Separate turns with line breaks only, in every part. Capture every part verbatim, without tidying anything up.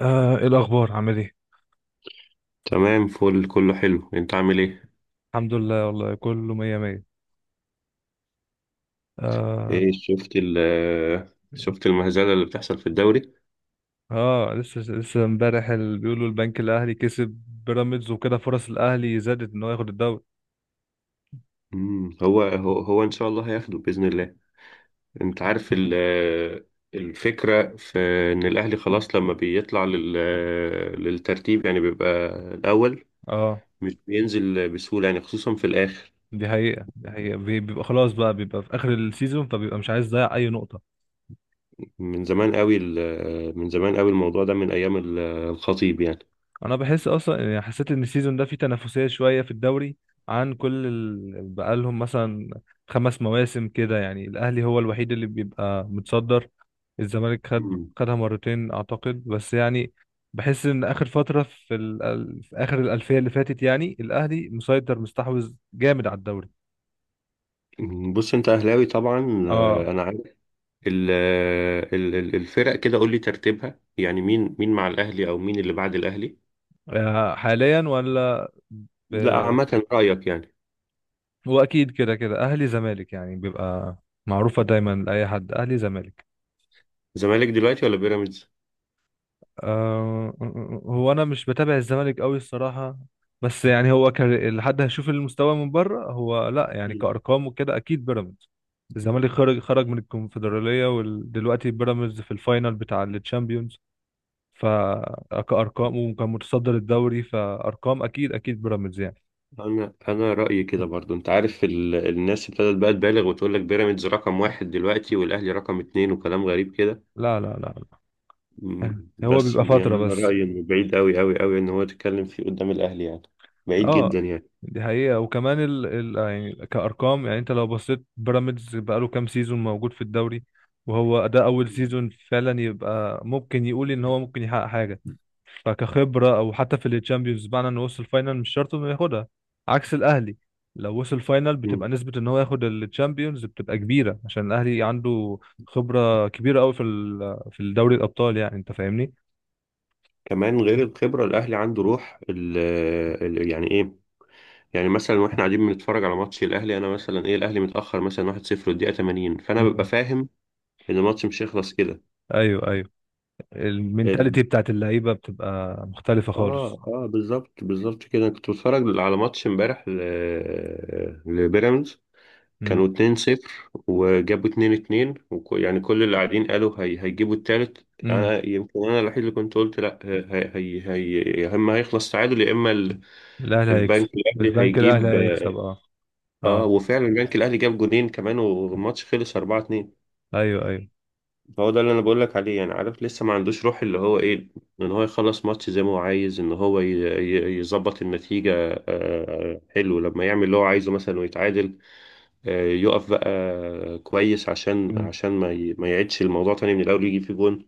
آه، ايه الاخبار؟ عامل ايه؟
تمام، فل، كله حلو. انت عامل ايه؟
الحمد لله، والله كله مية مية. آه.
ايه شفت ال شفت المهزله اللي بتحصل في الدوري.
اه، لسه لسه امبارح ال- بيقولوا البنك الاهلي كسب بيراميدز، وكده فرص الاهلي زادت ان هو ياخد الدوري.
مم. هو هو هو ان شاء الله هياخده باذن الله. انت عارف ال الفكره في ان الاهلي خلاص لما بيطلع لل للترتيب يعني، بيبقى الاول،
اه،
مش بينزل بسهوله يعني خصوصا في الاخر.
دي حقيقة، دي حقيقة. بي- بيبقى خلاص بقى، بيبقى في اخر السيزون، فبيبقى مش عايز يضيع اي نقطة.
من زمان قوي ال- من زمان قوي الموضوع ده من ايام ال- الخطيب يعني.
انا بحس اصلا، يعني حسيت ان السيزون ده فيه تنافسيه شويه في الدوري، عن كل ال... بقالهم مثلا خمس مواسم كده، يعني الاهلي هو الوحيد اللي بيبقى متصدر. الزمالك خد خدها مرتين اعتقد، بس يعني بحس ان اخر فتره في, ال... ال- في اخر الالفيه اللي فاتت، يعني الاهلي مسيطر، مستحوذ جامد على الدوري.
مم. بص، انت اهلاوي طبعا.
اه.
آه، انا، ال- ال- ال- الفرق كده قول لي ترتيبها يعني، مين مين مع الاهلي او مين اللي بعد الاهلي؟
آه، حاليا ولا ب...
لا، عامه رايك يعني.
هو اكيد كده كده، اهلي زمالك يعني، بيبقى معروفه دايما لاي حد، اهلي زمالك.
زمالك دلوقتي ولا بيراميدز؟
آه، هو انا مش بتابع الزمالك قوي الصراحه، بس يعني هو كان لحد هشوف المستوى من بره، هو لا يعني
مم.
كارقام وكده اكيد بيراميدز. الزمالك خرج خرج من الكونفدراليه، ودلوقتي بيراميدز في الفاينل بتاع التشامبيونز، فكارقام. وكان متصدر الدوري، فارقام اكيد اكيد بيراميدز يعني.
انا انا رايي كده. برضو انت عارف ال... الناس ابتدت بقى تبالغ وتقول لك بيراميدز رقم واحد دلوقتي والاهلي رقم اتنين وكلام غريب كده.
لا، لا، لا، لا. يعني
أمم،
هو
بس
بيبقى
يعني
فتره
انا
بس.
رايي انه بعيد قوي قوي قوي ان هو يتكلم فيه قدام الاهلي يعني، بعيد
اه،
جدا يعني.
دي حقيقة. وكمان ال... ال... آه، يعني كأرقام، يعني انت لو بصيت بيراميدز بقاله كام سيزون موجود في الدوري، وهو ده أول
مم.
سيزون فعلا. يبقى ممكن يقول إن هو ممكن يحقق حاجة، فكخبرة. أو حتى في الشامبيونز، بمعنى إنه وصل فاينل مش شرط إنه ياخدها، عكس الأهلي. لو وصل فاينل بتبقى
أمم.
نسبة إن هو ياخد الشامبيونز بتبقى كبيرة، عشان الأهلي عنده خبرة كبيرة أوي في ال... في الدوري الأبطال. يعني أنت فاهمني؟
كمان غير الخبره الاهلي عنده روح ال... ال... يعني ايه، يعني مثلا واحنا قاعدين بنتفرج على ماتش الاهلي، انا مثلا، ايه، الاهلي متاخر مثلا واحد صفر والدقيقه تمانين، فانا ببقى
مم.
فاهم ان الماتش مش هيخلص كده.
أيوه، أيوه. المينتاليتي
ال...
بتاعت اللعيبه بتبقى مختلفه
اه
خالص.
اه بالظبط، بالظبط كده. أنا كنت بتفرج على ماتش امبارح ل... لبيراميدز،
امم.
كانوا اتنين صفر وجابوا اتنين اتنين وك... يعني كل اللي قاعدين قالوا هي... هيجيبوا التالت.
امم.
انا يمكن انا الوحيد اللي كنت قلت لا، هي... هي... هي... يا اما هيخلص تعادل يا اما ال...
الاهلي هيكسب.
البنك الاهلي
البنك الاهلي
هيجيب.
هيكسب، اه.
اه،
اه.
وفعلا البنك الاهلي جاب جونين كمان والماتش خلص اربعه اتنين.
ايوه، ايوه.
فهو ده اللي انا بقول لك عليه يعني. عارف؟ لسه ما عندوش روح اللي هو ايه، ان هو يخلص ماتش زي ما هو عايز، ان هو ي- ي- يظبط النتيجه. آه، حلو، لما يعمل اللي هو عايزه مثلا ويتعادل، آه، يقف بقى، كويس، عشان
امم.
عشان ما ي- ما يعيدش الموضوع تاني من الاول يجيب فيه جون.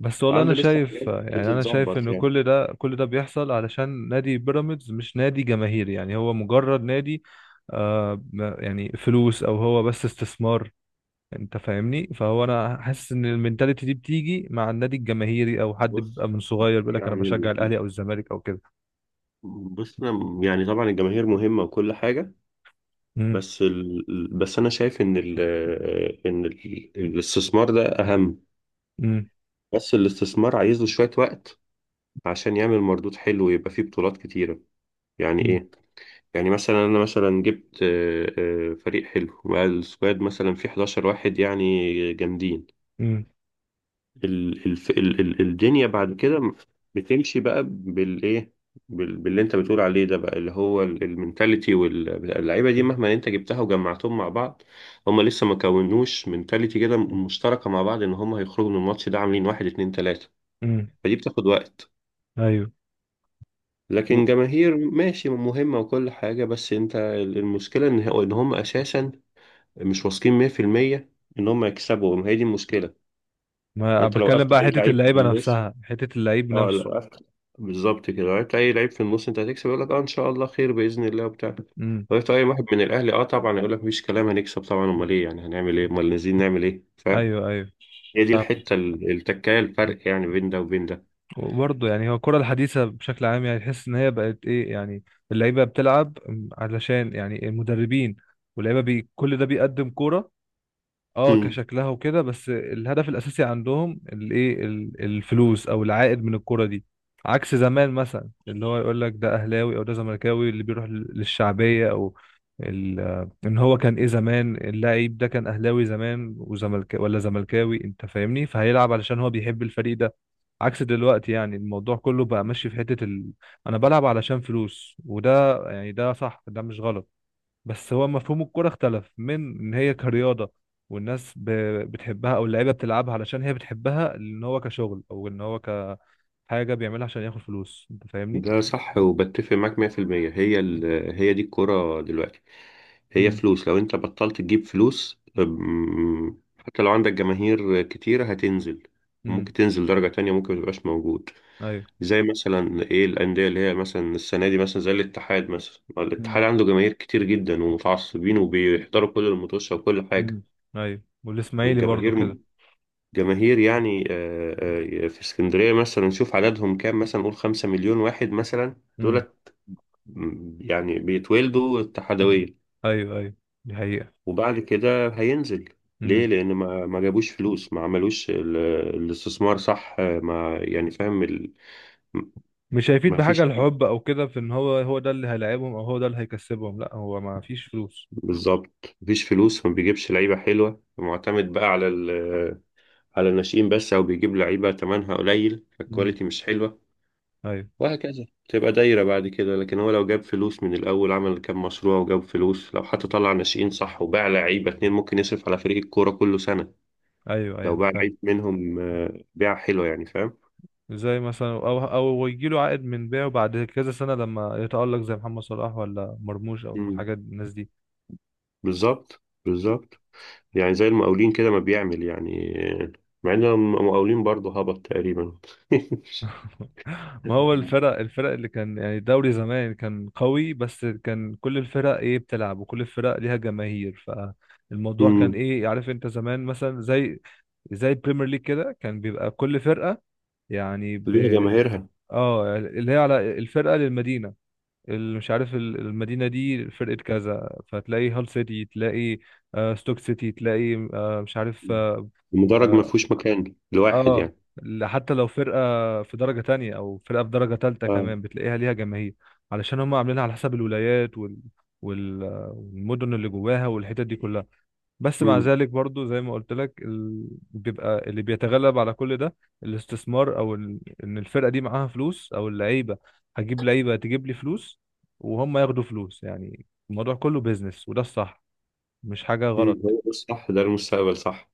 بس والله انا
عنده لسه
شايف،
حاجات
يعني انا شايف
بتتظبط
ان
يعني.
كل ده، كل ده بيحصل علشان نادي بيراميدز مش نادي جماهيري، يعني هو مجرد نادي. آه، ما- يعني فلوس، او هو بس استثمار. انت فاهمني؟ فهو انا حاسس ان المينتاليتي دي بتيجي مع النادي الجماهيري، او حد
بص،
بيبقى من صغير بيقول لك انا بشجع
يعني،
الاهلي او الزمالك او كده.
بص أنا- يعني طبعا الجماهير مهمه وكل حاجه،
امم.
بس ال... بس انا شايف ان ال... ان ال... الاستثمار ده اهم، بس الاستثمار عايز له شوية وقت عشان يعمل مردود حلو ويبقى فيه بطولات كتيرة. يعني ايه؟ يعني مثلا انا مثلا جبت، آه، آه، فريق حلو والسكواد مثلا فيه احد عشر واحد يعني جامدين.
امم.
ال- الف- ال- ال- الدنيا بعد كده بتمشي بقى بالايه؟ بال- باللي انت بتقول عليه ده بقى، اللي هو ال- المنتاليتي. واللعيبه دي مهما انت جبتها وجمعتهم مع بعض، هم لسه ما كونوش منتاليتي كده مشتركه مع بعض، ان هم هيخرجوا من الماتش ده عاملين واحد اتنين تلاته.
امم.
فدي بتاخد وقت.
ايوه. و-
لكن جماهير، ماشي، مهمه وكل حاجه، بس انت المشكله ان هو- ان هم اساسا مش واثقين مية في المية ان هم يكسبوا. ما هي دي المشكله.
ما
يعني انت لو
بتكلم
وقفت
بقى
اي
حته
لعيب في
اللعيبه
النص،
نفسها، حته اللعيب
اه
نفسه.
لو عرفت، بالظبط كده، لو عرفت اي لعيب في النص انت هتكسب، يقول لك اه ان شاء الله خير باذن الله وبتاع. لو
امم.
عرفت اي واحد من الاهلي، اه طبعا، يقول لك مفيش كلام هنكسب طبعا، امال ايه يعني، هنعمل ايه، امال نازلين نعمل ايه؟ فاهم؟
ايوه، ايوه.
هي دي
فاهمة.
الحته، ال- التكايه، الفرق يعني بين ده وبين ده.
وبرضه يعني هو الكرة الحديثة بشكل عام، يعني تحس إن هي بقت إيه يعني. اللعيبة بتلعب علشان يعني المدربين، واللعيبة بي كل ده بيقدم كرة. اه، كشكلها وكده، بس الهدف الاساسي عندهم الايه، ال- الفلوس او العائد من الكرة دي. عكس زمان مثلا، اللي هو يقول لك ده اهلاوي او ده زملكاوي، اللي بيروح لل- للشعبية، او ال- ان هو كان ايه زمان، اللاعب ده كان اهلاوي زمان وزملك ولا زملكاوي، انت فاهمني؟ فهيلعب علشان هو بيحب الفريق ده. عكس دلوقتي، يعني الموضوع كله بقى ماشي في حتة ال... انا بلعب علشان فلوس، وده يعني ده صح، ده مش غلط. بس هو مفهوم الكرة اختلف، من ان هي كرياضة، والناس ب- بتحبها، او اللعيبة بتلعبها علشان هي بتحبها، ان هو كشغل او ان هو كحاجة بيعملها عشان ياخد فلوس. انت فاهمني؟
ده صح، وبتفق معاك مية في المية. هي ال... هي دي الكرة دلوقتي، هي
امم.
فلوس. لو انت بطلت تجيب فلوس، أم، حتى لو عندك جماهير كتيرة هتنزل،
امم.
وممكن تنزل درجة تانية، ممكن متبقاش موجود.
ايوه.
زي مثلا، ايه، الأندية اللي هي مثلا السنة دي، مثلا زي الاتحاد، مثلا
امم.
الاتحاد عنده جماهير كتير جدا ومتعصبين وبيحضروا كل الماتشات وكل حاجة.
امم. ايوه، والاسماعيلي برضو
الجماهير،
كده.
جماهير يعني، آه، آه، في اسكندرية مثلا نشوف عددهم كام، مثلا نقول خمسة مليون واحد مثلا.
امم.
دول م- يعني بيتولدوا اتحادوية.
ايوه، ايوه. دي حقيقة.
وبعد كده هينزل. ليه؟
امم.
لأن ما ما جابوش فلوس، ما عملوش ال- الاستثمار صح. ما يعني، فاهم ال...
مش هيفيد
ما
بحاجة
فيش.
الحب او كده، في ان هو هو ده اللي هيلاعبهم او هو ده اللي هيكسبهم، لا، هو ما فيش فلوس.
بالظبط، ما فيش فلوس، ما بيجيبش لعيبة حلوة، معتمد بقى على ال... على الناشئين بس، أو بيجيب لعيبة تمنها قليل
امم.
فالكواليتي مش حلوة.
ايوه،
وهكذا تبقى دايرة. بعد كده لكن هو لو جاب فلوس من الأول، عمل كام مشروع وجاب فلوس، لو حتى طلع ناشئين صح وباع لعيبة اتنين، ممكن يصرف على فريق الكورة كله سنة.
ايوه،
لو
ايوه.
باع العيب منهم، آه، بيعة حلوة يعني. فاهم.
زي مثلا، او او يجي له عائد من بيعه بعد كذا سنه لما يتالق، زي محمد صلاح ولا مرموش، او
مم.
الحاجات الناس دي.
بالظبط بالظبط. يعني زي المقاولين كده ما بيعمل يعني، مع ان المقاولين برضه هبط تقريبا.
ما هو، الفرق الفرق اللي كان يعني الدوري زمان كان قوي، بس كان كل الفرق ايه بتلعب، وكل الفرق ليها جماهير. فالموضوع كان
مم.
ايه، عارف انت زمان مثلا زي زي البريمير ليج كده، كان بيبقى كل فرقة، يعني ب
ليها جماهيرها.
اه اللي هي على الفرقة للمدينة. ال- مش عارف، ال- المدينة دي فرقة كذا، فتلاقي هال سيتي، تلاقي آه ستوك سيتي، تلاقي آه، مش عارف،
مم.
اه,
المدرج ما
آه.
فيهوش مكان لواحد
آه،
يعني.
ل- حتى لو فرقة في درجة تانية، أو فرقة في درجة تالتة
آه.
كمان، بتلاقيها ليها جماهير. علشان هم عاملينها على حسب الولايات، وال... وال... والمدن اللي جواها، والحتت دي كلها. بس مع
مم.
ذلك برضو، زي ما قلت لك، ال... بيبقى اللي بيتغلب على كل ده الاستثمار، او ال... ان الفرقه دي معاها فلوس، او اللعيبه. هجيب لعيبه تجيب لي فلوس، وهم ياخدوا فلوس. يعني الموضوع كله بيزنس، وده الصح، مش حاجه
مم.
غلط.
هو ده الصح، ده المستقبل، صح.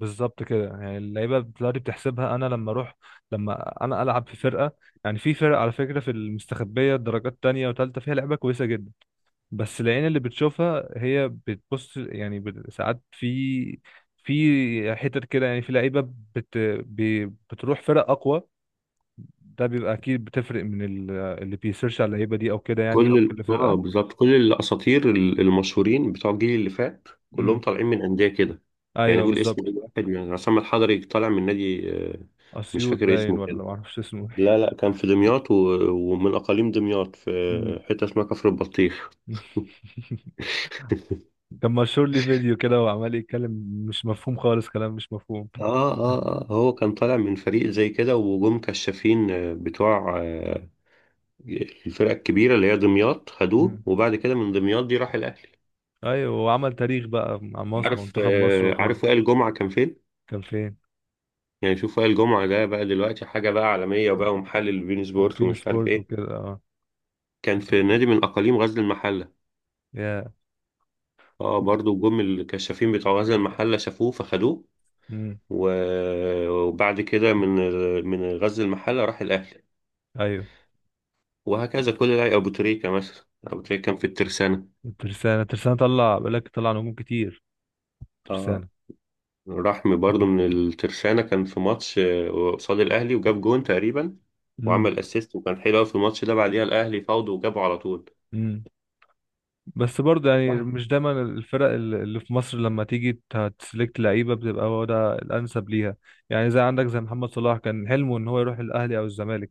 بالظبط كده. يعني اللعيبه دلوقتي بتحسبها، انا لما اروح، لما انا العب في فرقه. يعني في فرق، على فكره، في المستخبيه درجات تانية وتالتة فيها لعيبه كويسه جدا. بس العين اللي بتشوفها هي بتبص، يعني بت- ساعات في في حتت كده، يعني في لعيبه بت بي- بتروح فرق اقوى، ده بيبقى اكيد بتفرق من ال- اللي بيسيرش على اللعيبه دي او كده، يعني
كل
من
ال...
كل
اه
فرقه.
بالظبط، كل الاساطير ال- المشهورين بتوع الجيل اللي فات كلهم
امم.
طالعين من انديه كده. يعني
ايوه
قول اسم اي
بالظبط.
واحد، من عصام الحضري، طالع من نادي، آه، مش
اسيوط
فاكر
باين،
اسمه
ولا
كده.
ما اعرفش اسمه.
لا لا، كان في دمياط، و... ومن أقاليم دمياط،
امم.
في حتة اسمها كفر البطيخ.
كان مشهور لي فيديو كده وعمال يتكلم، مش مفهوم خالص، كلام مش مفهوم.
آه آه آه، هو كان طالع من فريق زي كده، وجم كشافين، آه، بتوع آه، الفرقة الكبيرة اللي هي دمياط، خدوه.
امم.
وبعد كده من دمياط دي راح الأهلي.
ايوه، وعمل تاريخ بقى مع مصر،
عارف
منتخب مصر
آه،
وكله.
عارف وائل جمعة كان فين؟
كان فين؟
يعني شوف، وائل جمعة ده بقى دلوقتي حاجة بقى عالمية، وبقى ومحلل بين سبورت
وبين
ومش عارف
سبورت
إيه.
وكده، اه.
كان في نادي من أقاليم غزل المحلة.
يا.
اه برضو جم الكشافين بتوع غزل المحلة شافوه فخدوه.
امم.
و- وبعد كده من ال- من غزل المحلة راح الأهلي.
ايوه.
وهكذا كل لاعب. أبو تريكة مثلا، أبو تريكة كان في الترسانة.
الترسانة، الترسانة طلع، بقولك طلع نجوم كتير،
اه،
ترسانة.
راح، م- برضه من الترسانة، كان في ماتش، آه، قصاد الأهلي، وجاب جون تقريبا،
امم.
وعمل أسيست، وكان حلو أوي في الماتش ده. بعديها الأهلي فاوضوا وجابوا على طول.
امم. بس برضه، يعني
اه.
مش دايما الفرق ال- اللي في مصر لما تيجي ت- تسلكت لعيبة، بتبقى هو ده الأنسب ليها. يعني زي عندك زي محمد صلاح، كان حلمه إن هو يروح الأهلي أو الزمالك.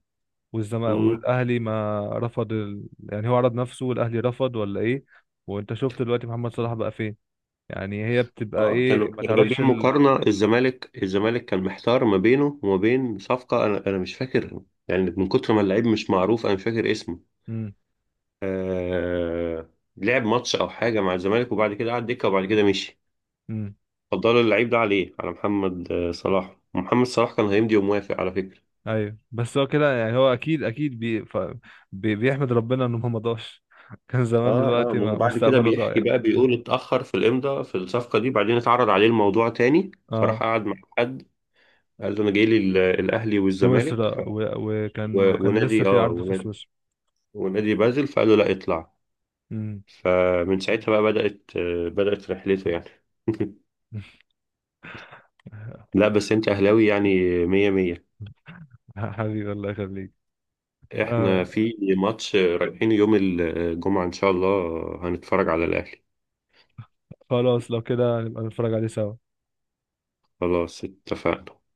والزم...
مم.
والأهلي ما رفض ال... يعني هو عرض نفسه، والأهلي رفض ولا إيه؟ وأنت شفت دلوقتي محمد صلاح بقى فين؟ يعني هي بتبقى
اه، كانوا
إيه، ما
كانوا جايبين
تعرفش ال...
مقارنة. الزمالك، الزمالك كان محتار ما بينه وما بين صفقة، أنا أنا مش فاكر، يعني من كتر ما اللعيب مش معروف أنا مش فاكر اسمه.
مم.
آه، لعب ماتش او حاجه مع الزمالك، وبعد كده قعد دكه، وبعد كده مشي.
مم.
فضلوا اللعيب ده عليه، على محمد آه، صلاح. محمد صلاح كان هيمضي وموافق على فكره.
ايوه، بس هو كده. يعني هو اكيد اكيد بي ف... بي بيحمد ربنا انه ما ضاعش. كان زمان،
اه اه،
دلوقتي
ما هو
ما
بعد كده
مستقبله
بيحكي
ضايع.
بقى، بيقول اتاخر في الامضاء في الصفقه دي، بعدين اتعرض عليه الموضوع تاني، فراح
اه.
قعد مع حد، قال له انا جاي لي ال- الاهلي والزمالك ف...
سويسرا، و... وكان
و...
وكان لسه
ونادي
في
اه
عرض في
ونادي,
سويسرا.
ونادي بازل. فقال له لا اطلع.
امم.
فمن ساعتها بقى بدات آه، بدات رحلته يعني. لا بس انت اهلاوي يعني. مية مية.
حبيبي الله يخليك.
احنا
آه.
في ماتش رايحين يوم الجمعة ان شاء الله، هنتفرج على الاهلي.
خلاص لو كده نبقى نتفرج عليه سوا.
خلاص اتفقنا.